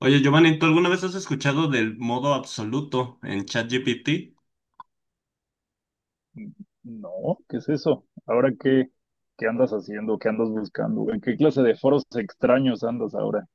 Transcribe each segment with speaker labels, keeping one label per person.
Speaker 1: Oye, Giovanni, ¿tú alguna vez has escuchado del modo absoluto en ChatGPT?
Speaker 2: Mm, no, ¿qué es eso? Ahora qué andas haciendo, qué andas buscando, en qué clase de foros extraños andas ahora.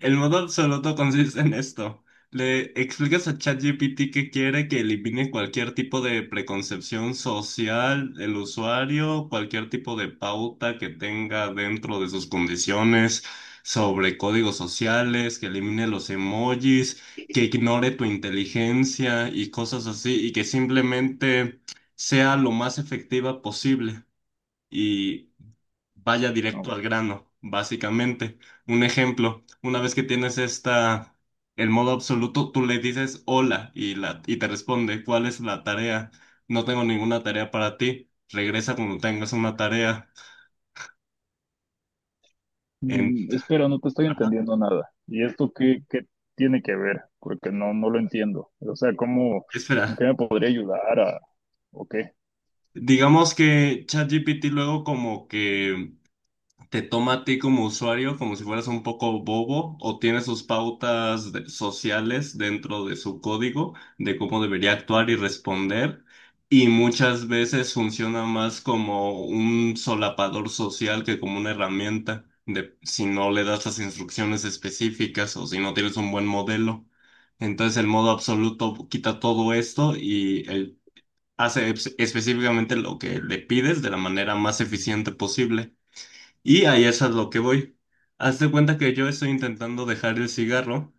Speaker 1: El modo absoluto consiste en esto. Le explicas a ChatGPT que quiere que elimine cualquier tipo de preconcepción social del usuario, cualquier tipo de pauta que tenga dentro de sus condiciones sobre códigos sociales, que elimine los emojis, que ignore tu inteligencia y cosas así, y que simplemente sea lo más efectiva posible y vaya directo
Speaker 2: No.
Speaker 1: al grano, básicamente. Un ejemplo, una vez que tienes esta, el modo absoluto, tú le dices hola y te responde, ¿cuál es la tarea? No tengo ninguna tarea para ti. Regresa cuando tengas una tarea. En,
Speaker 2: Espera, no te estoy
Speaker 1: Ajá.
Speaker 2: entendiendo nada. ¿Y esto qué tiene que ver? Porque no lo entiendo. O sea, ¿cómo, en
Speaker 1: Espera,
Speaker 2: qué me podría ayudar a, o qué?
Speaker 1: digamos que ChatGPT luego como que te toma a ti como usuario como si fueras un poco bobo o tiene sus pautas sociales dentro de su código de cómo debería actuar y responder. Y muchas veces funciona más como un solapador social que como una herramienta de si no le das las instrucciones específicas o si no tienes un buen modelo. Entonces el modo absoluto quita todo esto y él hace específicamente lo que le pides de la manera más eficiente posible. Y ahí es a lo que voy. Haz de cuenta que yo estoy intentando dejar el cigarro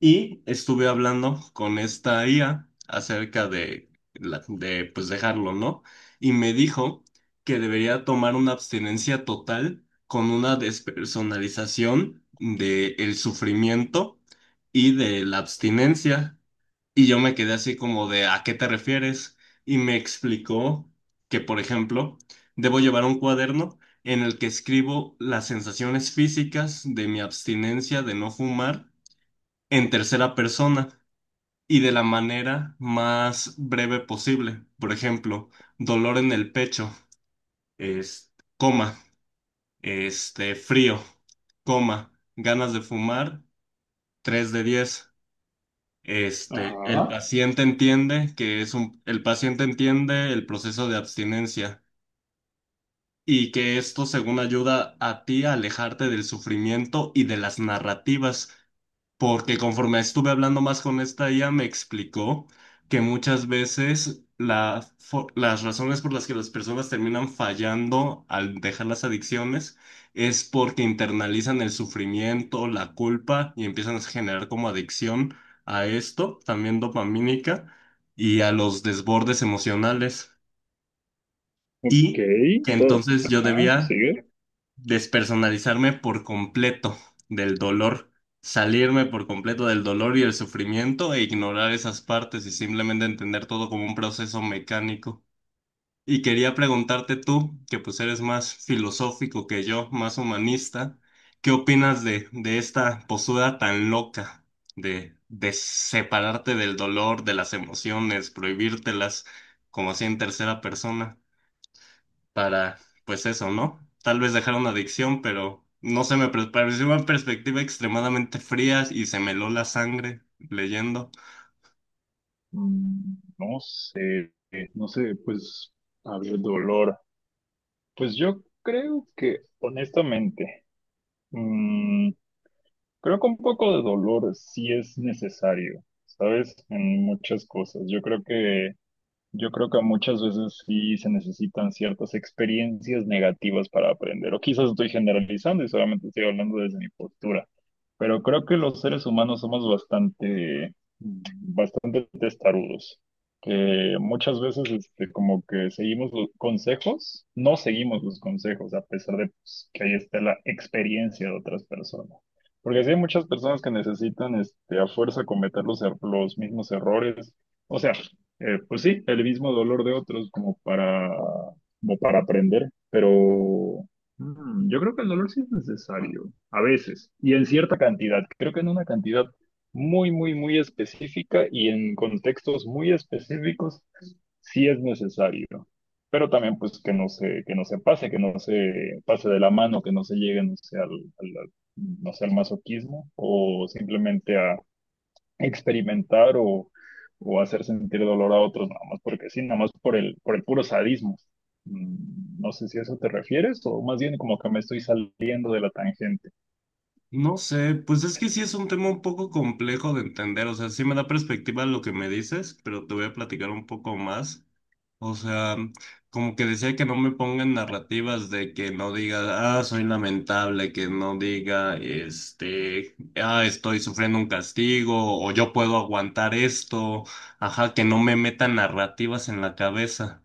Speaker 1: y estuve hablando con esta IA acerca de pues dejarlo, ¿no? Y me dijo que debería tomar una abstinencia total con una despersonalización del sufrimiento y de la abstinencia. Y yo me quedé así como de, ¿a qué te refieres? Y me explicó que, por ejemplo, debo llevar un cuaderno en el que escribo las sensaciones físicas de mi abstinencia de no fumar en tercera persona y de la manera más breve posible. Por ejemplo, dolor en el pecho, es, coma, este, frío, coma, ganas de fumar, 3 de diez.
Speaker 2: Ajá,
Speaker 1: El paciente entiende el paciente entiende el proceso de abstinencia y que esto, según ayuda a ti a alejarte del sufrimiento y de las narrativas, porque conforme estuve hablando más con esta, ella me explicó que muchas veces las razones por las que las personas terminan fallando al dejar las adicciones es porque internalizan el sufrimiento, la culpa y empiezan a generar como adicción a esto, también dopamínica, y a los desbordes emocionales.
Speaker 2: ok,
Speaker 1: Y que entonces yo
Speaker 2: ajá,
Speaker 1: debía
Speaker 2: sigue.
Speaker 1: despersonalizarme por completo del dolor, salirme por completo del dolor y el sufrimiento e ignorar esas partes y simplemente entender todo como un proceso mecánico. Y quería preguntarte tú, que pues eres más filosófico que yo, más humanista, ¿qué opinas de esta postura tan loca de separarte del dolor, de las emociones, prohibírtelas como así en tercera persona? Para, pues eso, ¿no? Tal vez dejar una adicción, pero no se me pareció una perspectiva extremadamente fría y se me heló la sangre leyendo.
Speaker 2: Mm, No sé, no sé, pues, a ver, dolor. Pues yo creo que, honestamente, mm, Creo que un poco de dolor sí es necesario, ¿sabes? En muchas cosas. Yo creo que muchas veces sí se necesitan ciertas experiencias negativas para aprender. O quizás estoy generalizando y solamente estoy hablando desde mi postura. Pero creo que los seres humanos somos bastante, bastante testarudos. Que muchas veces, este, como que seguimos los consejos, no seguimos los consejos, a pesar de pues, que ahí está la experiencia de otras personas. Porque sí hay muchas personas que necesitan, este, a fuerza cometer los mismos errores. O sea, pues sí, el mismo dolor de otros como para aprender, pero yo creo que el dolor sí es necesario, a veces, y en cierta cantidad. Creo que en una cantidad muy, muy, muy específica y en contextos muy específicos sí es necesario. Pero también, pues, que no se pase, que no se pase de la mano, que no se llegue, no sé, al masoquismo o simplemente experimentar o hacer sentir dolor a otros, nada más porque sí, nada más por el puro sadismo. No sé si a eso te refieres o más bien como que me estoy saliendo de la tangente.
Speaker 1: No sé, pues es que sí es un tema un poco complejo de entender, o sea, sí me da perspectiva lo que me dices, pero te voy a platicar un poco más. O sea, como que decía que no me pongan narrativas de que no diga, ah, soy lamentable, que no diga, ah, estoy sufriendo un castigo, o yo puedo aguantar esto, ajá, que no me metan narrativas en la cabeza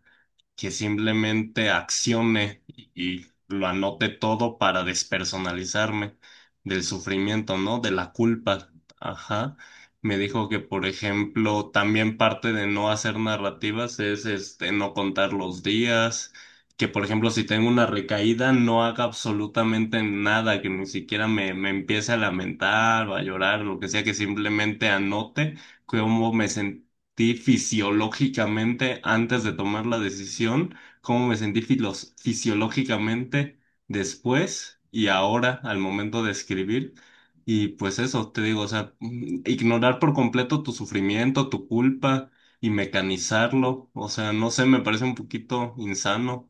Speaker 1: que simplemente accione y lo anote todo para despersonalizarme del sufrimiento, ¿no? De la culpa. Ajá. Me dijo que, por ejemplo, también parte de no hacer narrativas es este no contar los días, que por ejemplo, si tengo una recaída, no haga absolutamente nada, que ni siquiera me empiece a lamentar o a llorar, lo que sea, que simplemente anote cómo me sentí fisiológicamente antes de tomar la decisión, cómo me sentí fisiológicamente después y ahora al momento de escribir. Y pues eso, te digo, o sea, ignorar por completo tu sufrimiento, tu culpa y mecanizarlo, o sea, no sé, me parece un poquito insano.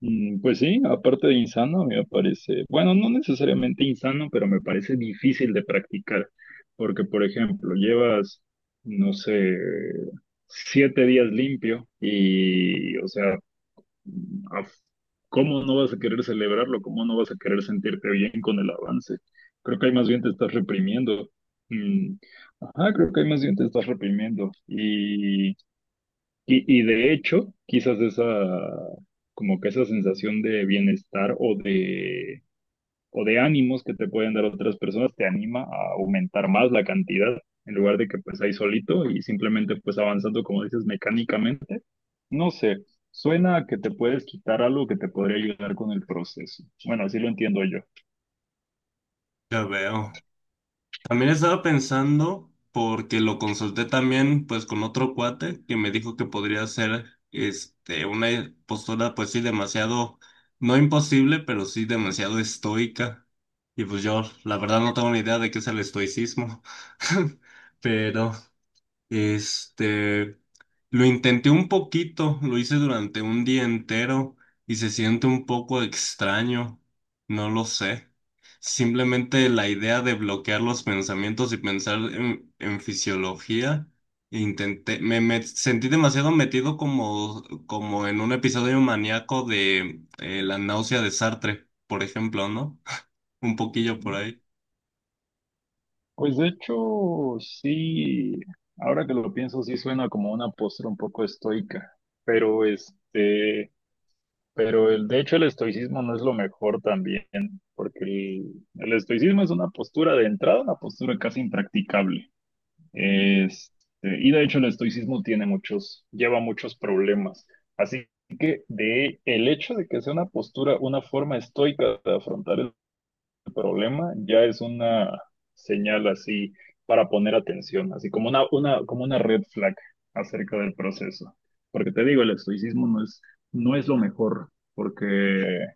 Speaker 2: Pues sí, aparte de insano, me parece, bueno, no necesariamente insano, pero me parece difícil de practicar, porque, por ejemplo, llevas, no sé, 7 días limpio y, o sea, a- ¿cómo no vas a querer celebrarlo? ¿Cómo no vas a querer sentirte bien con el avance? Creo que ahí más bien te estás reprimiendo. Mm, ajá, creo que ahí más bien te estás reprimiendo. Y de hecho, quizás esa, como que esa sensación de bienestar o de ánimos que te pueden dar otras personas te anima a aumentar más la cantidad en lugar de que pues ahí solito y simplemente pues avanzando como dices mecánicamente. No sé, suena a que te puedes quitar algo que te podría ayudar con el proceso. Bueno, así lo entiendo yo.
Speaker 1: Ya veo. También estaba pensando, porque lo consulté también, pues, con otro cuate que me dijo que podría ser, este, una postura, pues sí, demasiado, no imposible, pero sí demasiado estoica. Y pues yo, la verdad, no tengo ni idea de qué es el estoicismo, pero este, lo intenté un poquito, lo hice durante un día entero y se siente un poco extraño, no lo sé. Simplemente la idea de bloquear los pensamientos y pensar en fisiología, intenté, me sentí demasiado metido como en un episodio maníaco de la náusea de Sartre, por ejemplo, ¿no? Un poquillo por ahí.
Speaker 2: Pues de hecho, sí, ahora que lo pienso, sí suena como una postura un poco estoica, pero de hecho el estoicismo no es lo mejor también, porque el estoicismo es una postura de entrada, una postura casi impracticable. Este, y de hecho el estoicismo lleva muchos problemas. Así que de el hecho de que sea una postura, una forma estoica de afrontar problema ya es una señal así para poner atención, así como una red flag acerca del proceso. Porque te digo, el estoicismo no es lo mejor, porque,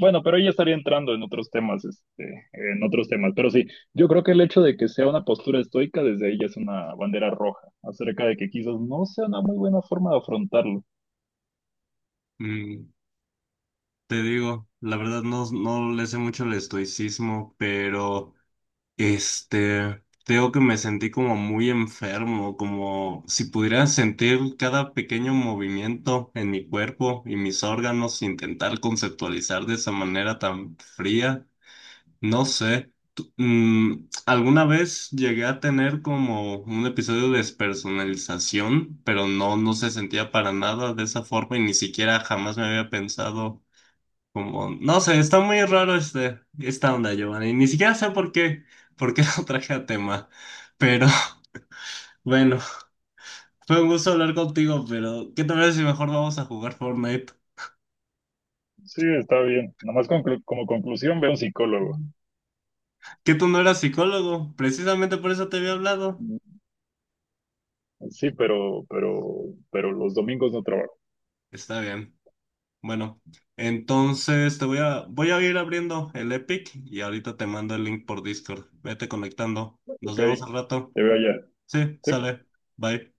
Speaker 2: bueno, pero ella estaría entrando en otros temas, este, en otros temas. Pero sí, yo creo que el hecho de que sea una postura estoica desde ella es una bandera roja, acerca de que quizás no sea una muy buena forma de afrontarlo.
Speaker 1: Mm. Te digo, la verdad no le sé mucho el estoicismo, pero este, te digo que me sentí como muy enfermo, como si pudiera sentir cada pequeño movimiento en mi cuerpo y mis órganos, intentar conceptualizar de esa manera tan fría, no sé. Alguna vez llegué a tener como un episodio de despersonalización, pero no se sentía para nada de esa forma y ni siquiera jamás me había pensado. Como, no sé, está muy raro esta onda, Giovanni. Ni siquiera sé por qué lo traje a tema. Pero bueno, fue un gusto hablar contigo, pero ¿qué te parece si mejor vamos a jugar Fortnite?
Speaker 2: Sí, está bien. Nomás como conclusión, ve a un psicólogo.
Speaker 1: Que tú no eras psicólogo, precisamente por eso te había hablado.
Speaker 2: Sí, pero los domingos no trabajo,
Speaker 1: Está bien. Bueno, entonces te voy a ir abriendo el Epic y ahorita te mando el link por Discord. Vete conectando. Nos
Speaker 2: ¿ok?
Speaker 1: vemos al rato.
Speaker 2: Te veo allá.
Speaker 1: Sí,
Speaker 2: Sí,
Speaker 1: sale. Bye.